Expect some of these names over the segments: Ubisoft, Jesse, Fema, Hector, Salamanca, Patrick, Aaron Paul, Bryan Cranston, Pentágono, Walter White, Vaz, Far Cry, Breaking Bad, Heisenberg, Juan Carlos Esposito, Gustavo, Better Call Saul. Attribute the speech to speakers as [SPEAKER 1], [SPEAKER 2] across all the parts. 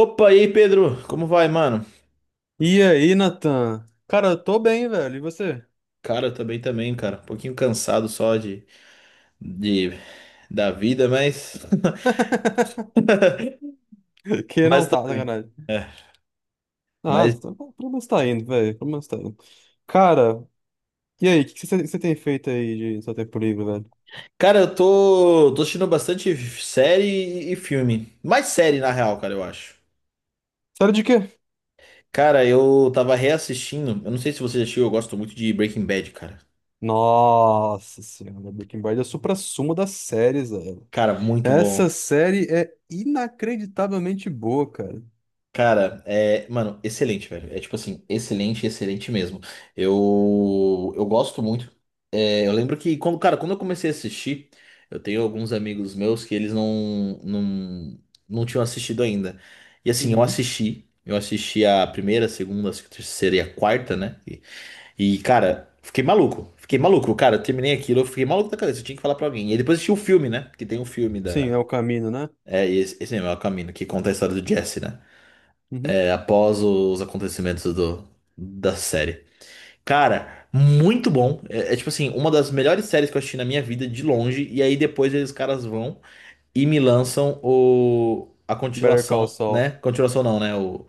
[SPEAKER 1] Opa, aí, Pedro? Como vai, mano?
[SPEAKER 2] E aí, Natan? Cara, eu tô bem, velho. E você?
[SPEAKER 1] Cara, eu também também, cara. Um pouquinho cansado só de da vida, mas
[SPEAKER 2] Que
[SPEAKER 1] mas
[SPEAKER 2] não tá,
[SPEAKER 1] também.
[SPEAKER 2] sacanagem.
[SPEAKER 1] É,
[SPEAKER 2] Ah,
[SPEAKER 1] mas
[SPEAKER 2] tá pelo menos tá indo, velho. Pelo menos tá indo. Cara, e aí? O que que você tem feito aí de seu tempo livre, velho?
[SPEAKER 1] cara, eu tô assistindo bastante série e filme. Mais série na real, cara, eu acho.
[SPEAKER 2] Série de quê?
[SPEAKER 1] Cara, eu tava reassistindo, eu não sei se você já assistiu, eu gosto muito de Breaking Bad, cara.
[SPEAKER 2] Nossa senhora, Breaking Bad é o suprassumo das séries, velho.
[SPEAKER 1] Cara, muito
[SPEAKER 2] Essa
[SPEAKER 1] bom.
[SPEAKER 2] série é inacreditavelmente boa, cara.
[SPEAKER 1] Cara, é, mano, excelente, velho. É tipo assim, excelente, excelente mesmo. Eu gosto muito. É, eu lembro que quando, cara, quando eu comecei a assistir, eu tenho alguns amigos meus que eles não tinham assistido ainda. E assim,
[SPEAKER 2] Uhum.
[SPEAKER 1] eu assisti a primeira, a segunda, a terceira e a quarta, né? E, cara, fiquei maluco, cara, eu terminei aquilo, eu fiquei maluco da cabeça, eu tinha que falar pra alguém. E depois assisti o filme, né? Porque tem um filme
[SPEAKER 2] Sim,
[SPEAKER 1] da.
[SPEAKER 2] é o caminho, né?
[SPEAKER 1] É, e esse mesmo, é o caminho, que conta a história do Jesse, né?
[SPEAKER 2] Uhum.
[SPEAKER 1] É, após os acontecimentos do, da série. Cara, muito bom. É, é, tipo assim, uma das melhores séries que eu assisti na minha vida, de longe. E aí depois eles caras vão e me lançam o, a
[SPEAKER 2] Better Call
[SPEAKER 1] continuação, né?
[SPEAKER 2] Saul.
[SPEAKER 1] Continuação não, né?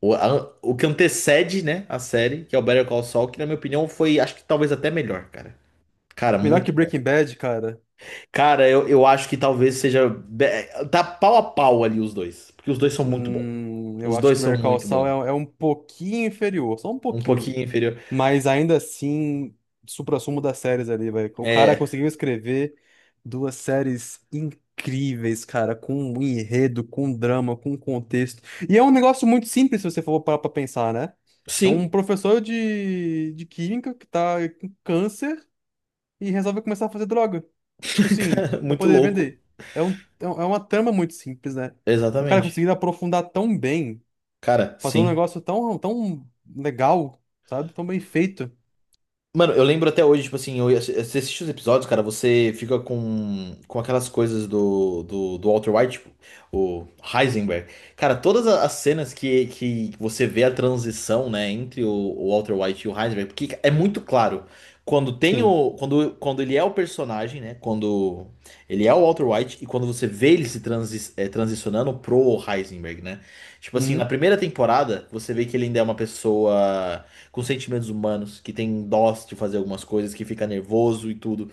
[SPEAKER 1] O, a- o que antecede, né? A série, que é o Better Call Saul, que na minha opinião foi, acho que talvez até melhor, cara. Cara,
[SPEAKER 2] Melhor que
[SPEAKER 1] muito bom.
[SPEAKER 2] Breaking Bad, cara.
[SPEAKER 1] Cara, eu acho que talvez seja. Be- tá pau a pau ali os dois. Porque os dois são muito bons.
[SPEAKER 2] Eu
[SPEAKER 1] Os
[SPEAKER 2] acho
[SPEAKER 1] dois
[SPEAKER 2] que
[SPEAKER 1] são
[SPEAKER 2] Better Call
[SPEAKER 1] muito
[SPEAKER 2] Saul
[SPEAKER 1] bons.
[SPEAKER 2] é um pouquinho inferior, só um
[SPEAKER 1] Um
[SPEAKER 2] pouquinho.
[SPEAKER 1] pouquinho inferior.
[SPEAKER 2] Mas ainda assim, suprassumo das séries ali, velho. O cara
[SPEAKER 1] É.
[SPEAKER 2] conseguiu escrever duas séries incríveis, cara, com um enredo, com um drama, com um contexto. E é um negócio muito simples, se você for parar pra pensar, né? É
[SPEAKER 1] Sim,
[SPEAKER 2] um professor de química que tá com câncer e resolve começar a fazer droga. Tipo assim,
[SPEAKER 1] cara,
[SPEAKER 2] pra
[SPEAKER 1] muito
[SPEAKER 2] poder
[SPEAKER 1] louco.
[SPEAKER 2] vender. É uma trama muito simples, né? O cara
[SPEAKER 1] Exatamente.
[SPEAKER 2] conseguir aprofundar tão bem,
[SPEAKER 1] Cara,
[SPEAKER 2] fazer um
[SPEAKER 1] sim.
[SPEAKER 2] negócio tão, tão legal, sabe? Tão bem feito.
[SPEAKER 1] Mano, eu lembro até hoje, tipo assim, eu, ia- você assiste os episódios, cara, você fica com aquelas coisas do, do, do Walter White, tipo, o Heisenberg. Cara, todas a- as cenas que você vê a transição, né, entre o Walter White e o Heisenberg, porque é muito claro. Quando tem
[SPEAKER 2] Sim.
[SPEAKER 1] o. Quando, quando ele é o personagem, né? Quando ele é o Walter White e quando você vê ele se transi transicionando pro Heisenberg, né? Tipo assim, na
[SPEAKER 2] Uhum.
[SPEAKER 1] primeira temporada, você vê que ele ainda é uma pessoa com sentimentos humanos, que tem dó de fazer algumas coisas, que fica nervoso e tudo.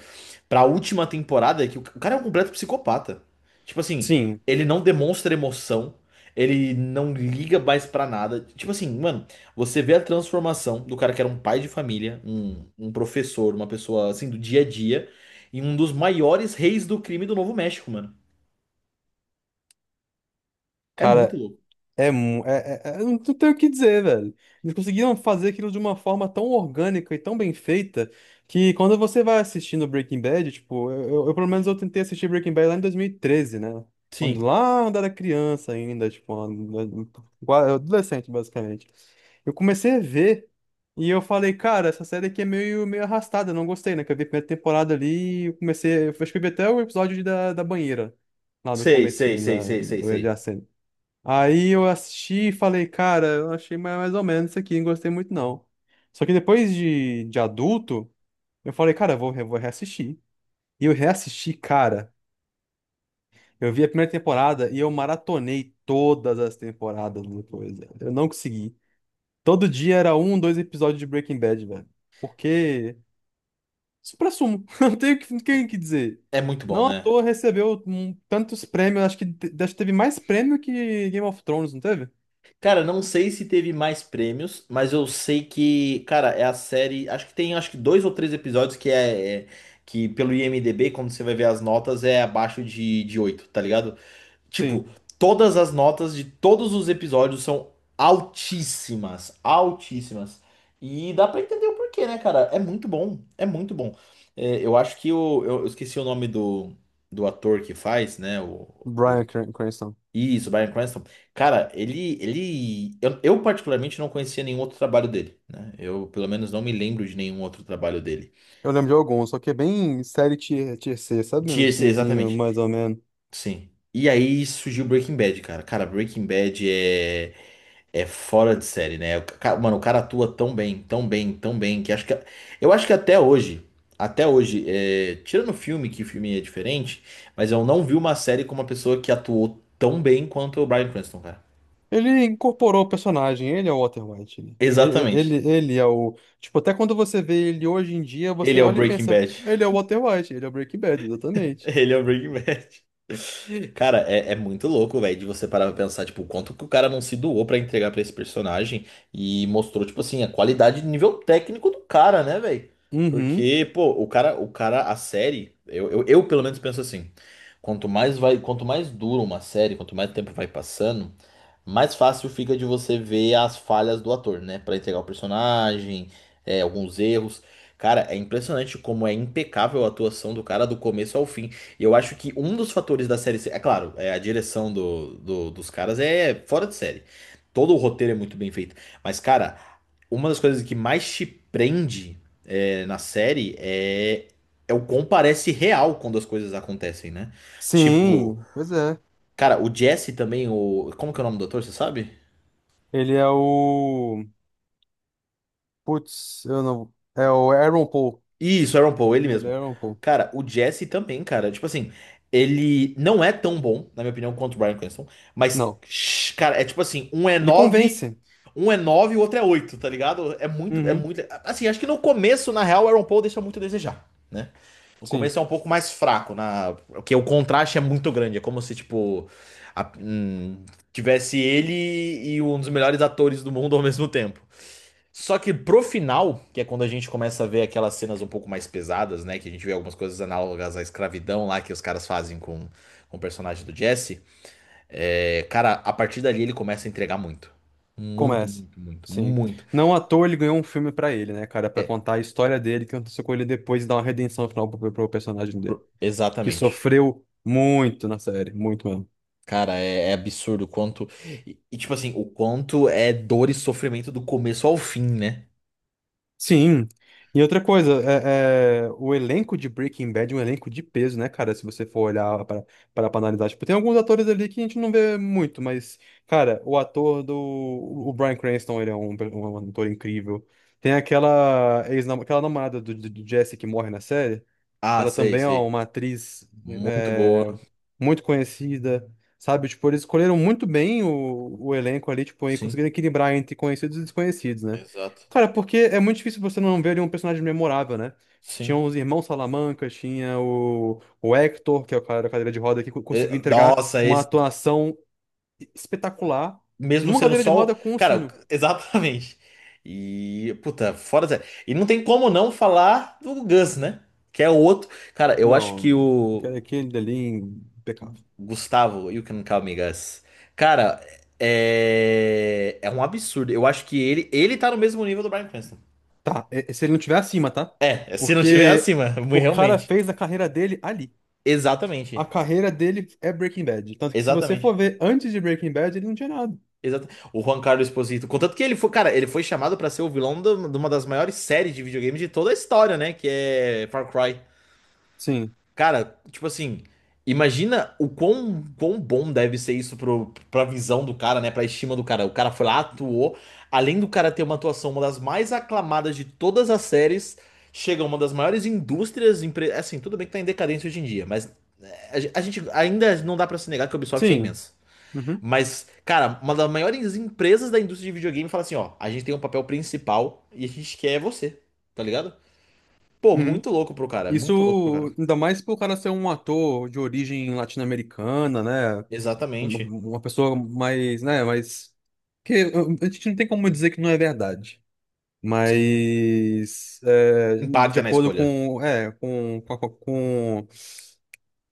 [SPEAKER 1] Pra última temporada, é que o cara é um completo psicopata. Tipo assim,
[SPEAKER 2] Sim,
[SPEAKER 1] ele não demonstra emoção, ele não liga mais pra nada. Tipo assim, mano, você vê a transformação do cara que era um pai de família, um professor, uma pessoa assim do dia a dia, em um dos maiores reis do crime do Novo México, mano. É muito
[SPEAKER 2] cara,
[SPEAKER 1] louco.
[SPEAKER 2] Eu não tenho o que dizer, velho. Eles conseguiram fazer aquilo de uma forma tão orgânica e tão bem feita que quando você vai assistindo Breaking Bad, tipo, pelo menos eu tentei assistir Breaking Bad lá em 2013, né? Quando
[SPEAKER 1] Sim.
[SPEAKER 2] lá eu era criança ainda, tipo, adolescente, basicamente. Eu comecei a ver e eu falei, cara, essa série aqui é meio, meio arrastada, eu não gostei, né? Que eu vi a primeira temporada ali e eu comecei, eu acho que eu vi até o episódio da banheira, lá do
[SPEAKER 1] Sei, sei,
[SPEAKER 2] comecinho
[SPEAKER 1] sei,
[SPEAKER 2] da,
[SPEAKER 1] sei, sei,
[SPEAKER 2] do
[SPEAKER 1] sei.
[SPEAKER 2] adjacente. Aí eu assisti e falei, cara, eu achei mais, mais ou menos isso aqui, não gostei muito não. Só que depois de adulto, eu falei, cara, eu vou reassistir. E eu reassisti, cara. Eu vi a primeira temporada e eu maratonei todas as temporadas depois, velho. Eu não consegui. Todo dia era um, dois episódios de Breaking Bad, velho. Porque, supra não tenho o que, não tenho o que dizer.
[SPEAKER 1] É muito bom,
[SPEAKER 2] Não à
[SPEAKER 1] né?
[SPEAKER 2] toa recebeu tantos prêmios, acho que, acho que teve mais prêmio que Game of Thrones, não teve?
[SPEAKER 1] Cara, não sei se teve mais prêmios, mas eu sei que, cara, é a série. Acho que tem acho que dois ou três episódios que é, é- que pelo IMDb, quando você vai ver as notas, é abaixo de 8 tá ligado? Tipo,
[SPEAKER 2] Sim.
[SPEAKER 1] todas as notas de todos os episódios são altíssimas, altíssimas. E dá pra entender o porquê, né, cara? É muito bom, é muito bom. É, eu acho que o, eu esqueci o nome do, do ator que faz, né? O,
[SPEAKER 2] Cranston.
[SPEAKER 1] isso, Bryan Cranston. Cara, ele, eu particularmente não conhecia nenhum outro trabalho dele, né? Eu, pelo menos, não me lembro de nenhum outro trabalho dele.
[SPEAKER 2] Eu lembro de alguns, só que é bem série tier, tier C, sabe? Um
[SPEAKER 1] Tinha esse-
[SPEAKER 2] filmezinho
[SPEAKER 1] exatamente.
[SPEAKER 2] mais ou menos.
[SPEAKER 1] Sim. E aí surgiu Breaking Bad, cara. Cara, Breaking Bad é é fora de série, né? O ca- mano, o cara atua tão bem, tão bem, tão bem que acho que eu acho que até hoje, é, tirando o filme, que o filme é diferente, mas eu não vi uma série com uma pessoa que atuou tão bem quanto o Bryan Cranston, cara.
[SPEAKER 2] Ele incorporou o personagem, ele é o Walter White, né? Ele, ele,
[SPEAKER 1] Exatamente.
[SPEAKER 2] ele é o. Tipo, até quando você vê ele hoje em dia, você
[SPEAKER 1] Ele é o
[SPEAKER 2] olha e
[SPEAKER 1] Breaking
[SPEAKER 2] pensa,
[SPEAKER 1] Bad.
[SPEAKER 2] ele é o Walter White, ele é o Breaking Bad, exatamente.
[SPEAKER 1] Ele é o Breaking Bad. Cara, é, é muito louco, velho, de você parar pra pensar, tipo, o quanto que o cara não se doou pra entregar pra esse personagem e mostrou, tipo assim, a qualidade de nível técnico do cara, né, velho?
[SPEAKER 2] Uhum.
[SPEAKER 1] Porque, pô, o cara, a série, eu pelo menos penso assim, quanto mais vai, quanto mais dura uma série, quanto mais tempo vai passando, mais fácil fica de você ver as falhas do ator, né? Pra entregar o personagem, é, alguns erros. Cara, é impressionante como é impecável a atuação do cara do começo ao fim. E eu acho que um dos fatores da série. É claro, é, a direção do, do- dos caras é fora de série. Todo o roteiro é muito bem feito. Mas, cara, uma das coisas que mais te prende é, na série é, é o quão parece real quando as coisas acontecem, né? Tipo,
[SPEAKER 2] Sim, pois é.
[SPEAKER 1] cara, o Jesse também, o. Como que é o nome do ator, você sabe?
[SPEAKER 2] Ele é o. Putz, eu não. É o Aaron Paul.
[SPEAKER 1] Isso, Aaron Paul, ele
[SPEAKER 2] Não, ele é
[SPEAKER 1] mesmo.
[SPEAKER 2] Aaron Paul.
[SPEAKER 1] Cara, o Jesse também, cara. Tipo assim, ele não é tão bom, na minha opinião, quanto o Bryan Cranston. Mas,
[SPEAKER 2] Não.
[SPEAKER 1] shh, cara, é tipo assim,
[SPEAKER 2] Ele convence.
[SPEAKER 1] um é nove e o outro é oito, tá ligado? É muito, é
[SPEAKER 2] Uhum.
[SPEAKER 1] muito. Assim, acho que no começo, na real, o Aaron Paul deixa muito a desejar, né? No
[SPEAKER 2] Sim.
[SPEAKER 1] começo é um pouco mais fraco, na, porque o contraste é muito grande. É como se, tipo, a- tivesse ele e um dos melhores atores do mundo ao mesmo tempo. Só que pro final, que é quando a gente começa a ver aquelas cenas um pouco mais pesadas, né? Que a gente vê algumas coisas análogas à escravidão lá que os caras fazem com o personagem do Jesse. É, cara, a partir dali ele começa a entregar muito. Muito,
[SPEAKER 2] Começa.
[SPEAKER 1] muito, muito,
[SPEAKER 2] Sim.
[SPEAKER 1] muito.
[SPEAKER 2] Não à toa ele ganhou um filme pra ele, né, cara? Pra
[SPEAKER 1] É,
[SPEAKER 2] contar a história dele, que aconteceu com ele depois e dar uma redenção no final pro, pro personagem dele. Que
[SPEAKER 1] exatamente.
[SPEAKER 2] sofreu muito na série, muito mesmo.
[SPEAKER 1] Cara, é, é absurdo o quanto. E, tipo assim, o quanto é dor e sofrimento do começo ao fim, né?
[SPEAKER 2] Sim. E outra coisa, o elenco de Breaking Bad é um elenco de peso, né, cara? Se você for olhar para analisar. Tipo, tem alguns atores ali que a gente não vê muito, mas, cara, o ator do. O Bryan Cranston, ele é um ator incrível. Tem aquela, ex aquela namorada do, do Jesse que morre na série.
[SPEAKER 1] Ah,
[SPEAKER 2] Ela
[SPEAKER 1] sei,
[SPEAKER 2] também é
[SPEAKER 1] sei.
[SPEAKER 2] uma atriz
[SPEAKER 1] Muito boa.
[SPEAKER 2] é, muito conhecida, sabe? Tipo, eles escolheram muito bem o elenco ali, tipo, e
[SPEAKER 1] Sim.
[SPEAKER 2] conseguiram equilibrar entre conhecidos e desconhecidos, né?
[SPEAKER 1] Exato.
[SPEAKER 2] Cara, porque é muito difícil você não ver ali um personagem memorável, né? Tinha
[SPEAKER 1] Sim.
[SPEAKER 2] os irmãos Salamanca, tinha o Hector, que é o cara da cadeira de roda, que
[SPEAKER 1] É,
[SPEAKER 2] conseguiu entregar
[SPEAKER 1] nossa,
[SPEAKER 2] uma
[SPEAKER 1] esse.
[SPEAKER 2] atuação espetacular
[SPEAKER 1] Mesmo
[SPEAKER 2] numa
[SPEAKER 1] sendo
[SPEAKER 2] cadeira de
[SPEAKER 1] só. Um-
[SPEAKER 2] roda com o
[SPEAKER 1] cara,
[SPEAKER 2] sino.
[SPEAKER 1] exatamente. E, puta, fora Zé. E não tem como não falar do Gus, né? Que é o outro. Cara, eu acho
[SPEAKER 2] Não,
[SPEAKER 1] que o
[SPEAKER 2] aquele dali, impecável.
[SPEAKER 1] Gustavo, You Can Call Me Gus. Cara, é. É um absurdo. Eu acho que ele tá no mesmo nível do Bryan Cranston.
[SPEAKER 2] Tá, é se ele não tiver acima, tá?
[SPEAKER 1] É, se não tiver
[SPEAKER 2] Porque
[SPEAKER 1] acima,
[SPEAKER 2] o cara
[SPEAKER 1] realmente.
[SPEAKER 2] fez a carreira dele ali.
[SPEAKER 1] Exatamente.
[SPEAKER 2] A carreira dele é Breaking Bad. Tanto que se você
[SPEAKER 1] Exatamente.
[SPEAKER 2] for ver antes de Breaking Bad, ele não tinha nada.
[SPEAKER 1] Exata- o Juan Carlos Esposito. Contanto que ele foi, cara, ele foi chamado pra ser o vilão do- de uma das maiores séries de videogame de toda a história, né? Que é Far Cry.
[SPEAKER 2] Sim,
[SPEAKER 1] Cara, tipo assim, imagina o quão, quão bom deve ser isso pro, pra visão do cara, né? Pra estima do cara. O cara foi lá, atuou. Além do cara ter uma atuação, uma das mais aclamadas de todas as séries, chega uma das maiores indústrias. Empre- assim, tudo bem que tá em decadência hoje em dia, mas a, ge- a gente ainda não dá pra se negar que a Ubisoft é
[SPEAKER 2] sim.
[SPEAKER 1] imensa.
[SPEAKER 2] Uhum.
[SPEAKER 1] Mas, cara, uma das maiores empresas da indústria de videogame fala assim: ó, a gente tem um papel principal e a gente quer você, tá ligado? Pô,
[SPEAKER 2] Uhum.
[SPEAKER 1] muito louco pro cara, muito louco pro cara.
[SPEAKER 2] Isso, ainda mais pro cara ser um ator de origem latino-americana, né? Uma
[SPEAKER 1] Exatamente.
[SPEAKER 2] uma pessoa mais, né, mais... Que a gente não tem como dizer que não é verdade. Mas, é, de
[SPEAKER 1] Impacta na
[SPEAKER 2] acordo
[SPEAKER 1] escolha.
[SPEAKER 2] com, é, com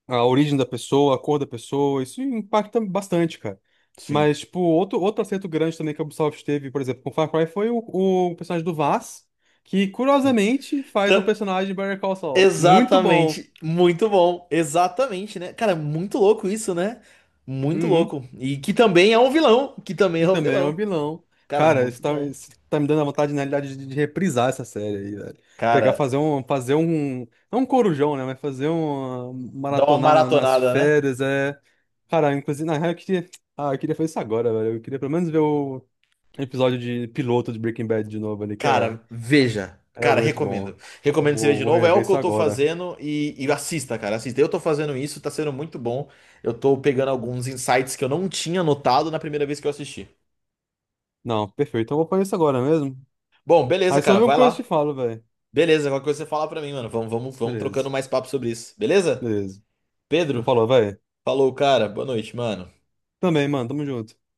[SPEAKER 2] a origem da pessoa, a cor da pessoa, isso impacta bastante, cara.
[SPEAKER 1] Sim,
[SPEAKER 2] Mas, tipo, outro acerto grande também que a Ubisoft teve, por exemplo, com Far Cry foi o personagem do Vaz, que
[SPEAKER 1] sim.
[SPEAKER 2] curiosamente faz um
[SPEAKER 1] Então,
[SPEAKER 2] personagem de Better Call Saul. Muito bom.
[SPEAKER 1] exatamente. Muito bom. Exatamente, né? Cara, muito louco isso, né? Muito
[SPEAKER 2] Uhum.
[SPEAKER 1] louco. E que também é um vilão. Que também
[SPEAKER 2] E
[SPEAKER 1] é um
[SPEAKER 2] também é um
[SPEAKER 1] vilão.
[SPEAKER 2] vilão.
[SPEAKER 1] Cara,
[SPEAKER 2] Cara,
[SPEAKER 1] muito bom.
[SPEAKER 2] isso tá me dando a vontade, na realidade, de reprisar essa série aí, velho. Pegar,
[SPEAKER 1] Cara,
[SPEAKER 2] fazer um, não um corujão, né, mas fazer um
[SPEAKER 1] dá uma
[SPEAKER 2] maratonar nas
[SPEAKER 1] maratonada, né?
[SPEAKER 2] férias, é... Cara, inclusive, na real, eu queria fazer isso agora, velho. Eu queria pelo menos ver o episódio de piloto de Breaking Bad de novo ali,
[SPEAKER 1] Cara, veja.
[SPEAKER 2] é
[SPEAKER 1] Cara,
[SPEAKER 2] muito bom.
[SPEAKER 1] recomendo. Recomendo você ver de
[SPEAKER 2] Vou
[SPEAKER 1] novo. É
[SPEAKER 2] rever
[SPEAKER 1] o que eu
[SPEAKER 2] isso
[SPEAKER 1] tô
[SPEAKER 2] agora.
[SPEAKER 1] fazendo e assista, cara. Assista. Eu tô fazendo isso, tá sendo muito bom. Eu tô pegando alguns insights que eu não tinha notado na primeira vez que eu assisti.
[SPEAKER 2] Não, perfeito. Então eu vou fazer isso agora mesmo.
[SPEAKER 1] Bom, beleza,
[SPEAKER 2] Aí se eu
[SPEAKER 1] cara.
[SPEAKER 2] ver uma
[SPEAKER 1] Vai
[SPEAKER 2] coisa eu
[SPEAKER 1] lá.
[SPEAKER 2] te falo, velho.
[SPEAKER 1] Beleza, qualquer coisa você fala pra mim, mano. Vamos, vamos, vamos
[SPEAKER 2] Beleza,
[SPEAKER 1] trocando mais papo sobre isso. Beleza?
[SPEAKER 2] beleza. Vou
[SPEAKER 1] Pedro,
[SPEAKER 2] falar, velho.
[SPEAKER 1] falou, cara. Boa noite, mano.
[SPEAKER 2] Também, mano. Tamo junto.